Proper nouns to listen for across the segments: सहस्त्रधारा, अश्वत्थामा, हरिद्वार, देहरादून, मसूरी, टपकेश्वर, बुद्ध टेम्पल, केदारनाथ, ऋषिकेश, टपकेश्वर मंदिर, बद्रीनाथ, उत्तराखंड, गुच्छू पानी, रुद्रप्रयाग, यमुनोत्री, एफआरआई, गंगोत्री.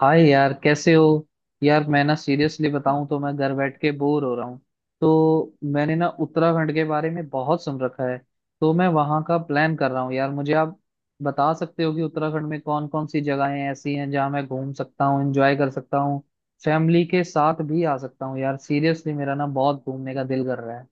हाय यार कैसे हो। यार मैं ना सीरियसली बताऊं तो मैं घर बैठ के बोर हो रहा हूँ। तो मैंने ना उत्तराखंड के बारे में बहुत सुन रखा है। तो मैं वहां का प्लान कर रहा हूँ यार। मुझे आप बता सकते हो कि उत्तराखंड में कौन कौन सी जगहें ऐसी हैं जहाँ मैं घूम सकता हूँ, एंजॉय कर सकता हूँ, फैमिली के साथ भी आ सकता हूँ। यार सीरियसली मेरा ना बहुत घूमने का दिल कर रहा है।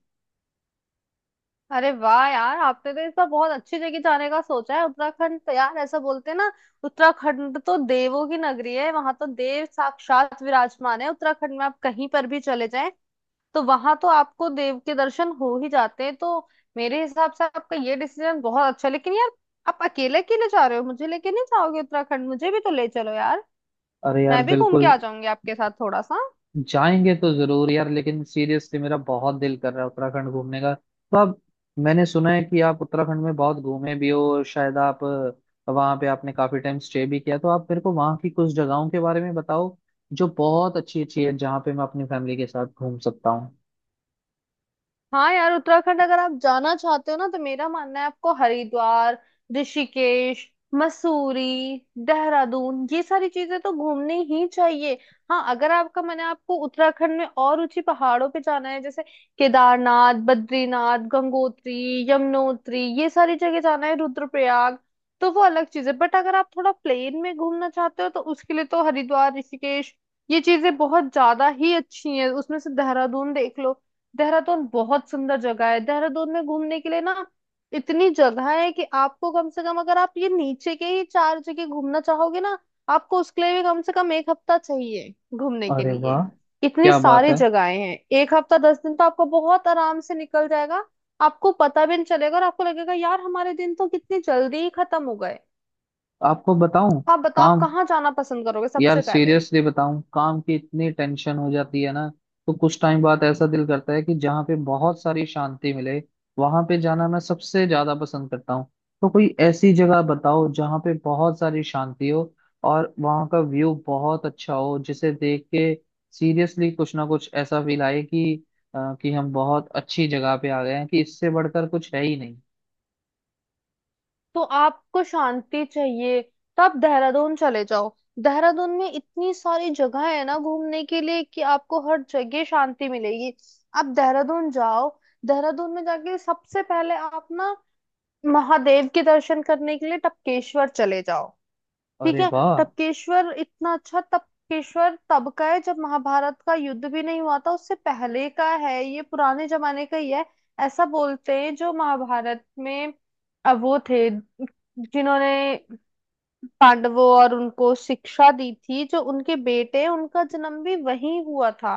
अरे वाह यार, आपने तो इस बार बहुत अच्छी जगह जाने का सोचा है। उत्तराखंड तो यार ऐसा बोलते हैं ना, उत्तराखंड तो देवों की नगरी है। वहां तो देव साक्षात विराजमान है। उत्तराखंड में आप कहीं पर भी चले जाएं, तो वहां तो आपको देव के दर्शन हो ही जाते हैं। तो मेरे हिसाब से आपका ये डिसीजन बहुत अच्छा है, लेकिन यार आप अकेले अकेले जा रहे हो, मुझे लेके नहीं जाओगे? उत्तराखंड मुझे भी तो ले चलो यार, अरे यार मैं भी घूम के बिल्कुल। आ जाऊंगी आपके साथ थोड़ा सा। जाएंगे तो जरूर यार, लेकिन सीरियसली मेरा बहुत दिल कर रहा है उत्तराखंड घूमने का। तो आप, मैंने सुना है कि आप उत्तराखंड में बहुत घूमे भी हो और शायद आप वहाँ पे आपने काफी टाइम स्टे भी किया। तो आप मेरे को वहाँ की कुछ जगहों के बारे में बताओ जो बहुत अच्छी अच्छी है, जहाँ पे मैं अपनी फैमिली के साथ घूम सकता हूँ। हाँ यार, उत्तराखंड अगर आप जाना चाहते हो ना, तो मेरा मानना है आपको हरिद्वार, ऋषिकेश, मसूरी, देहरादून, ये सारी चीजें तो घूमनी ही चाहिए। हाँ, अगर आपका मन है आपको उत्तराखंड में और ऊंची पहाड़ों पे जाना है, जैसे केदारनाथ, बद्रीनाथ, गंगोत्री, यमुनोत्री, ये सारी जगह जाना है, रुद्रप्रयाग, तो वो अलग चीज है। बट अगर आप थोड़ा प्लेन में घूमना चाहते हो, तो उसके लिए तो हरिद्वार, ऋषिकेश, ये चीजें बहुत ज्यादा ही अच्छी हैं। उसमें से देहरादून देख लो। देहरादून बहुत सुंदर जगह है। देहरादून में घूमने के लिए ना इतनी जगह है, कि आपको कम से कम अगर आप ये नीचे के ही चार जगह घूमना चाहोगे ना, आपको उसके लिए भी कम से कम एक हफ्ता चाहिए घूमने के अरे वाह। लिए। इतनी क्या बात सारी है। जगहें हैं, एक हफ्ता 10 दिन तो आपको बहुत आराम से निकल जाएगा। आपको पता भी नहीं चलेगा, और आपको लगेगा यार हमारे दिन तो कितनी जल्दी ही खत्म हो गए। आपको बताऊं। आप बताओ आप काम। कहाँ जाना पसंद करोगे यार सबसे पहले। सीरियसली बताऊं, काम की इतनी टेंशन हो जाती है ना, तो कुछ टाइम बाद ऐसा दिल करता है कि जहाँ पे बहुत सारी शांति मिले वहां पे जाना मैं सबसे ज्यादा पसंद करता हूँ। तो कोई ऐसी जगह बताओ जहाँ पे बहुत सारी शांति हो और वहाँ का व्यू बहुत अच्छा हो, जिसे देख के सीरियसली कुछ ना कुछ ऐसा फील आए कि कि हम बहुत अच्छी जगह पे आ गए हैं, कि इससे बढ़कर कुछ है ही नहीं। तो आपको शांति चाहिए, तो आप देहरादून चले जाओ। देहरादून में इतनी सारी जगह है ना घूमने के लिए, कि आपको हर जगह शांति मिलेगी। आप देहरादून जाओ। देहरादून में जाके सबसे पहले आप ना महादेव के दर्शन करने के लिए टपकेश्वर चले जाओ। ठीक अरे है। वाह। टपकेश्वर इतना अच्छा, टपकेश्वर तब का है जब महाभारत का युद्ध भी नहीं हुआ था, उससे पहले का है, ये पुराने जमाने का ही है। ऐसा बोलते हैं, जो महाभारत में वो थे, जिन्होंने पांडवों और उनको शिक्षा दी थी, जो उनके बेटे हैं, उनका जन्म भी वहीं हुआ था।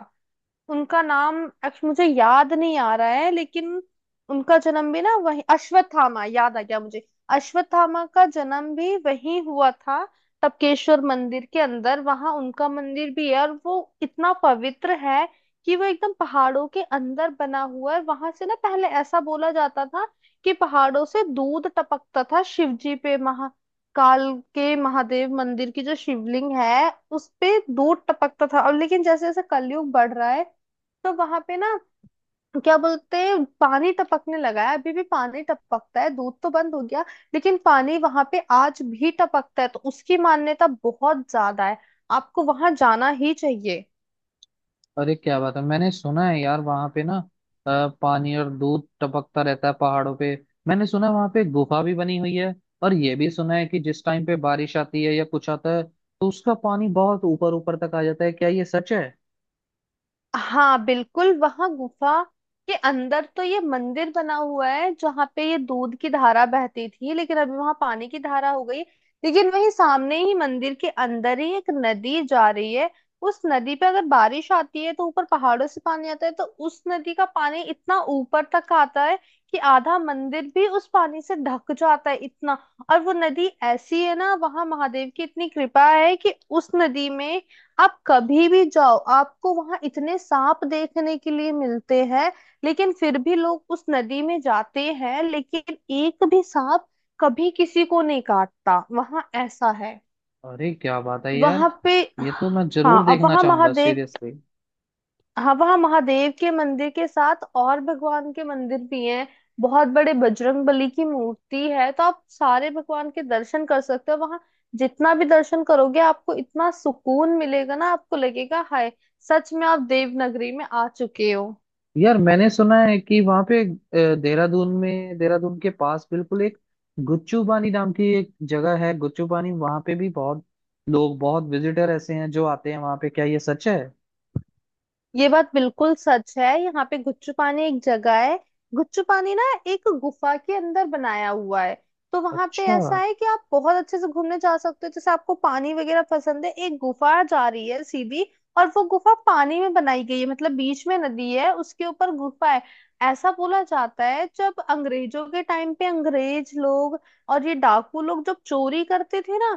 उनका नाम एक्चुअली मुझे याद नहीं आ रहा है, लेकिन उनका जन्म भी ना वही, अश्वत्थामा याद आ गया मुझे। अश्वत्थामा का जन्म भी वही हुआ था। टपकेश्वर मंदिर के अंदर वहां उनका मंदिर भी है, और वो इतना पवित्र है कि वो एकदम पहाड़ों के अंदर बना हुआ है। वहां से ना पहले ऐसा बोला जाता था कि पहाड़ों से दूध टपकता था शिव जी पे, महा काल के महादेव मंदिर की जो शिवलिंग है, उस पे दूध टपकता था। अब लेकिन जैसे जैसे कलयुग बढ़ रहा है, तो वहां पे ना, क्या बोलते हैं, पानी टपकने लगा है। अभी भी पानी टपकता है, दूध तो बंद हो गया, लेकिन पानी वहां पे आज भी टपकता है। तो उसकी मान्यता बहुत ज्यादा है, आपको वहां जाना ही चाहिए। अरे क्या बात है। मैंने सुना है यार वहां पे ना पानी और दूध टपकता रहता है पहाड़ों पे। मैंने सुना है वहां पे गुफा भी बनी हुई है, और ये भी सुना है कि जिस टाइम पे बारिश आती है या कुछ आता है तो उसका पानी बहुत ऊपर ऊपर तक आ जाता है। क्या ये सच है। हाँ बिल्कुल, वहां गुफा के अंदर तो ये मंदिर बना हुआ है, जहाँ पे ये दूध की धारा बहती थी, लेकिन अभी वहां पानी की धारा हो गई। लेकिन वहीं सामने ही मंदिर के अंदर ही एक नदी जा रही है। उस नदी पे अगर बारिश आती है, तो ऊपर पहाड़ों से पानी आता है, तो उस नदी का पानी इतना ऊपर तक आता है कि आधा मंदिर भी उस पानी से ढक जाता है, इतना। और वो नदी ऐसी है ना, वहां महादेव की इतनी कृपा है कि उस नदी में आप कभी भी जाओ, आपको वहां इतने सांप देखने के लिए मिलते हैं, लेकिन फिर भी लोग उस नदी में जाते हैं, लेकिन एक भी सांप कभी किसी को नहीं काटता, वहां ऐसा है अरे क्या बात है यार। वहां पे। ये तो मैं हाँ। जरूर अब देखना वहां चाहूंगा महादेव सीरियसली। हाँ, वहाँ महादेव के मंदिर के साथ और भगवान के मंदिर भी हैं, बहुत बड़े बजरंग बली की मूर्ति है। तो आप सारे भगवान के दर्शन कर सकते हो वहाँ। जितना भी दर्शन करोगे, आपको इतना सुकून मिलेगा ना, आपको लगेगा हाय, सच में आप देवनगरी में आ चुके हो। यार मैंने सुना है कि वहां पे देहरादून में, देहरादून के पास बिल्कुल एक गुच्चू पानी नाम की एक जगह है। गुच्चू पानी वहां पे भी बहुत लोग, बहुत विजिटर ऐसे हैं जो आते हैं वहां पे। क्या ये सच है। ये बात बिल्कुल सच है, यहाँ पे गुच्चू पानी एक जगह है। गुच्चू पानी ना एक गुफा के अंदर बनाया हुआ है। तो वहां पे अच्छा। ऐसा है कि आप बहुत अच्छे से घूमने जा सकते हो, जैसे आपको पानी वगैरह पसंद है। एक गुफा जा रही है सीधी, और वो गुफा पानी में बनाई गई है, मतलब बीच में नदी है उसके ऊपर गुफा है। ऐसा बोला जाता है, जब अंग्रेजों के टाइम पे अंग्रेज लोग और ये डाकू लोग जब चोरी करते थे ना,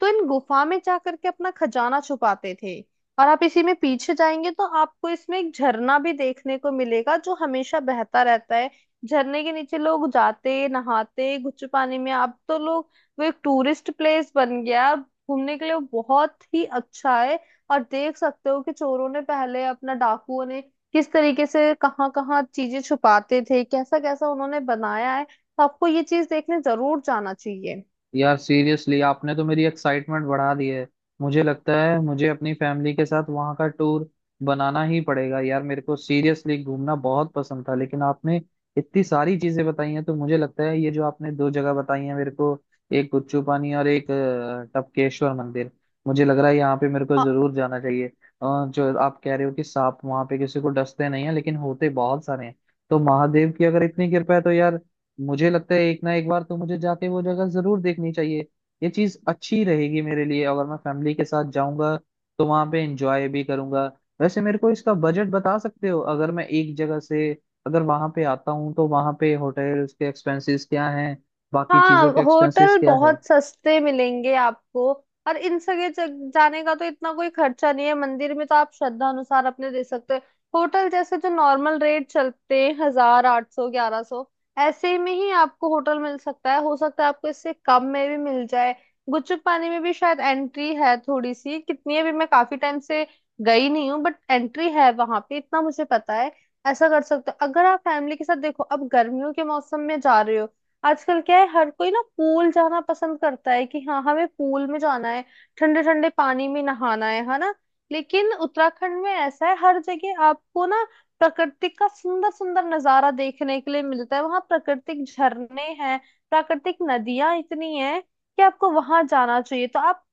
तो इन गुफा में जा करके अपना खजाना छुपाते थे। और आप इसी में पीछे जाएंगे, तो आपको इसमें एक झरना भी देखने को मिलेगा, जो हमेशा बहता रहता है। झरने के नीचे लोग जाते नहाते गुच्छे पानी में। अब तो लोग, वो एक टूरिस्ट प्लेस बन गया है। घूमने के लिए वो बहुत ही अच्छा है। और देख सकते हो कि चोरों ने पहले अपना, डाकुओं ने किस तरीके से कहाँ कहाँ चीजें छुपाते थे, कैसा कैसा उन्होंने बनाया है। तो आपको ये चीज देखने जरूर जाना चाहिए। यार सीरियसली आपने तो मेरी एक्साइटमेंट बढ़ा दी है। मुझे लगता है मुझे अपनी फैमिली के साथ वहां का टूर बनाना ही पड़ेगा यार। मेरे को सीरियसली घूमना बहुत पसंद था, लेकिन आपने इतनी सारी चीजें बताई हैं तो मुझे लगता है ये जो आपने दो जगह बताई हैं मेरे को, एक गुच्चू पानी और एक टपकेश्वर मंदिर, मुझे लग रहा है यहाँ पे मेरे को जरूर जाना चाहिए। जो आप कह रहे हो कि सांप वहां पे किसी को डसते नहीं है लेकिन होते बहुत सारे हैं, तो महादेव की अगर इतनी कृपा है तो यार मुझे लगता है एक ना एक बार तो मुझे जाके वो जगह जरूर देखनी चाहिए। ये चीज अच्छी रहेगी मेरे लिए। अगर मैं फैमिली के साथ जाऊंगा तो वहां पे एंजॉय भी करूंगा। वैसे मेरे को इसका बजट बता सकते हो। अगर मैं एक जगह से, अगर वहां पे आता हूँ तो वहां पे होटल्स के एक्सपेंसेस क्या हैं, बाकी हाँ चीजों के एक्सपेंसेस होटल क्या है। बहुत सस्ते मिलेंगे आपको, और जाने का तो इतना कोई खर्चा नहीं है। मंदिर में तो आप श्रद्धा अनुसार अपने दे सकते हैं। होटल जैसे जो नॉर्मल रेट चलते हैं, 1000, 800, 1100 ऐसे में ही आपको होटल मिल सकता है। हो सकता है आपको इससे कम में भी मिल जाए। गुपचुप पानी में भी शायद एंट्री है थोड़ी सी, कितनी है भी मैं काफी टाइम से गई नहीं हूँ, बट एंट्री है वहां पे, इतना मुझे पता है। ऐसा कर सकते हो अगर आप फैमिली के साथ, देखो अब गर्मियों के मौसम में जा रहे हो। आजकल क्या है हर कोई ना पूल जाना पसंद करता है, कि हाँ हमें पूल में जाना है, ठंडे ठंडे पानी में नहाना है ना। लेकिन उत्तराखंड में ऐसा है, हर जगह आपको ना प्रकृति का सुंदर सुंदर नजारा देखने के लिए मिलता है। वहां प्राकृतिक झरने हैं, प्राकृतिक नदियां इतनी हैं कि आपको वहां जाना चाहिए। तो आप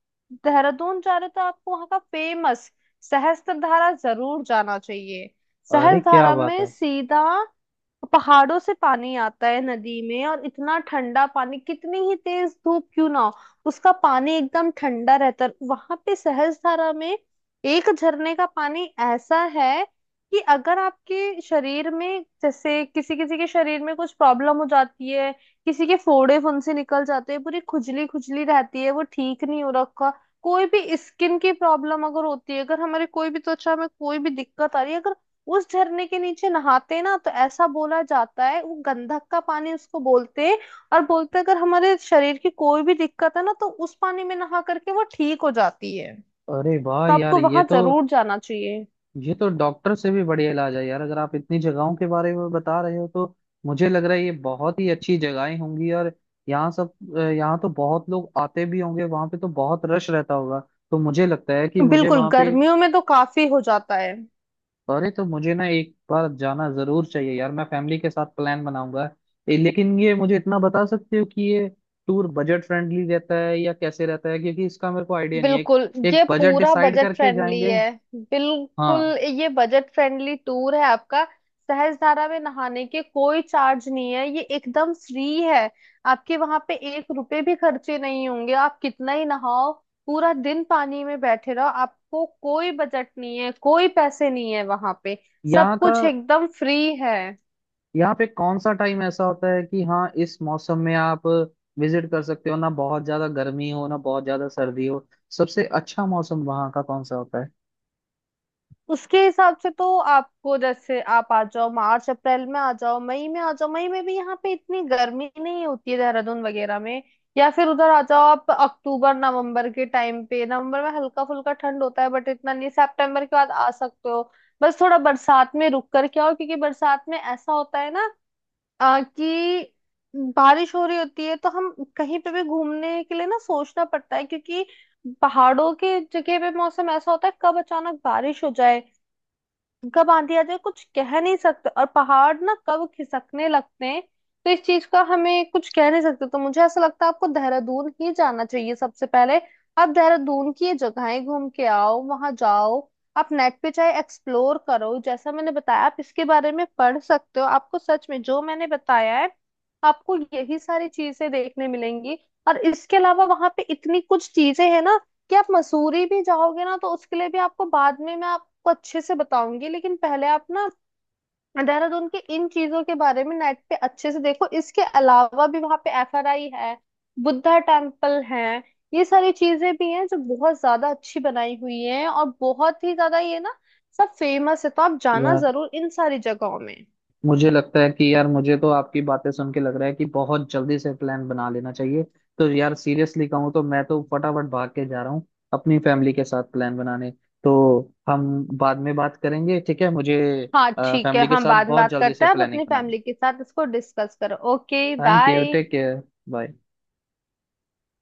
देहरादून जा रहे हो, तो आपको वहां का फेमस सहस्त्रधारा जरूर जाना चाहिए। अरे क्या सहस्त्रधारा बात में है। सीधा पहाड़ों से पानी आता है नदी में, और इतना ठंडा पानी, कितनी ही तेज धूप क्यों ना हो, उसका पानी एकदम ठंडा रहता है। वहां पे सहस्त्रधारा में एक झरने का पानी ऐसा है कि अगर आपके शरीर में, जैसे किसी किसी के शरीर में कुछ प्रॉब्लम हो जाती है, किसी के फोड़े फुंसी निकल जाते हैं, पूरी खुजली खुजली रहती है, वो ठीक नहीं हो रखा, कोई भी स्किन की प्रॉब्लम अगर होती है, अगर हमारे कोई भी त्वचा में कोई भी दिक्कत आ रही है, अगर उस झरने के नीचे नहाते ना, तो ऐसा बोला जाता है वो गंधक का पानी उसको बोलते हैं। और बोलते हैं, अगर हमारे शरीर की कोई भी दिक्कत है ना, तो उस पानी में नहा करके वो ठीक हो जाती है। अरे वाह तो यार। आपको ये वहां तो, जरूर जाना चाहिए। ये तो डॉक्टर से भी बढ़िया इलाज है यार। अगर आप इतनी जगहों के बारे में बता रहे हो तो मुझे लग रहा है ये बहुत ही अच्छी जगहें होंगी। और यहाँ सब, यहाँ तो बहुत लोग आते भी होंगे, वहां पे तो बहुत रश रहता होगा। तो मुझे लगता है कि मुझे बिल्कुल, वहां पे, गर्मियों में तो काफी हो जाता है। अरे तो मुझे ना एक बार जाना जरूर चाहिए यार। मैं फैमिली के साथ प्लान बनाऊंगा। लेकिन ये मुझे इतना बता सकते हो कि ये टूर बजट फ्रेंडली रहता है या कैसे रहता है, क्योंकि इसका मेरे को आइडिया नहीं है। बिल्कुल, ये एक बजट पूरा डिसाइड बजट करके फ्रेंडली जाएंगे। है। बिल्कुल, हाँ। ये बजट फ्रेंडली टूर है आपका। सहस्त्रधारा में नहाने के कोई चार्ज नहीं है, ये एकदम फ्री है। आपके वहां पे 1 रुपए भी खर्चे नहीं होंगे, आप कितना ही नहाओ, पूरा दिन पानी में बैठे रहो, आपको कोई बजट नहीं है, कोई पैसे नहीं है वहां पे, यहाँ सब का, कुछ एकदम फ्री है। यहाँ पे कौन सा टाइम ऐसा होता है कि हाँ इस मौसम में आप विजिट कर सकते हो, ना बहुत ज्यादा गर्मी हो ना बहुत ज्यादा सर्दी हो। सबसे अच्छा मौसम वहाँ का कौन सा होता है। उसके हिसाब से तो आपको, जैसे आप आ जाओ मार्च अप्रैल में, आ जाओ मई में, आ जाओ मई में भी यहाँ पे इतनी गर्मी नहीं होती है देहरादून वगैरह में। या फिर उधर आ जाओ आप अक्टूबर नवंबर के टाइम पे, नवंबर में हल्का फुल्का ठंड होता है बट इतना नहीं, सितंबर के बाद आ सकते हो। बस थोड़ा बरसात में रुक कर के आओ, क्योंकि बरसात में ऐसा होता है ना, कि बारिश हो रही होती है, तो हम कहीं पे भी घूमने के लिए ना सोचना पड़ता है, क्योंकि पहाड़ों के जगह पे मौसम ऐसा होता है, कब अचानक बारिश हो जाए, कब आंधी आ जाए, कुछ कह नहीं सकते। और पहाड़ ना कब खिसकने लगते हैं, तो इस चीज का हमें कुछ कह नहीं सकते। तो मुझे ऐसा लगता है, आपको देहरादून ही जाना चाहिए सबसे पहले। आप देहरादून की ये जगहें घूम के आओ, वहां जाओ। आप नेट पे चाहे एक्सप्लोर करो, जैसा मैंने बताया आप इसके बारे में पढ़ सकते हो, आपको सच में जो मैंने बताया है आपको यही सारी चीजें देखने मिलेंगी। और इसके अलावा वहां पे इतनी कुछ चीजें हैं ना, कि आप मसूरी भी जाओगे ना, तो उसके लिए भी आपको बाद में मैं आपको अच्छे से बताऊंगी, लेकिन पहले आप ना देहरादून के इन चीजों के बारे में नेट पे अच्छे से देखो। इसके अलावा भी वहां पे एफआरआई है, बुद्धा टेम्पल है, ये सारी चीजें भी हैं जो बहुत ज्यादा अच्छी बनाई हुई हैं, और बहुत ही ज्यादा ये ना सब फेमस है, तो आप जाना यार जरूर इन सारी जगहों में। मुझे लगता है कि यार मुझे तो आपकी बातें सुन के लग रहा है कि बहुत जल्दी से प्लान बना लेना चाहिए। तो यार सीरियसली कहूँ तो मैं तो फटाफट भाग के जा रहा हूँ अपनी फैमिली के साथ प्लान बनाने। तो हम बाद में बात करेंगे, ठीक है। मुझे हाँ ठीक है, फैमिली के हम साथ बाद में बहुत बात जल्दी करते से हैं, आप प्लानिंग अपनी बनानी। फैमिली के साथ इसको डिस्कस करो। Okay, thank you. Bye. Take care. Bye.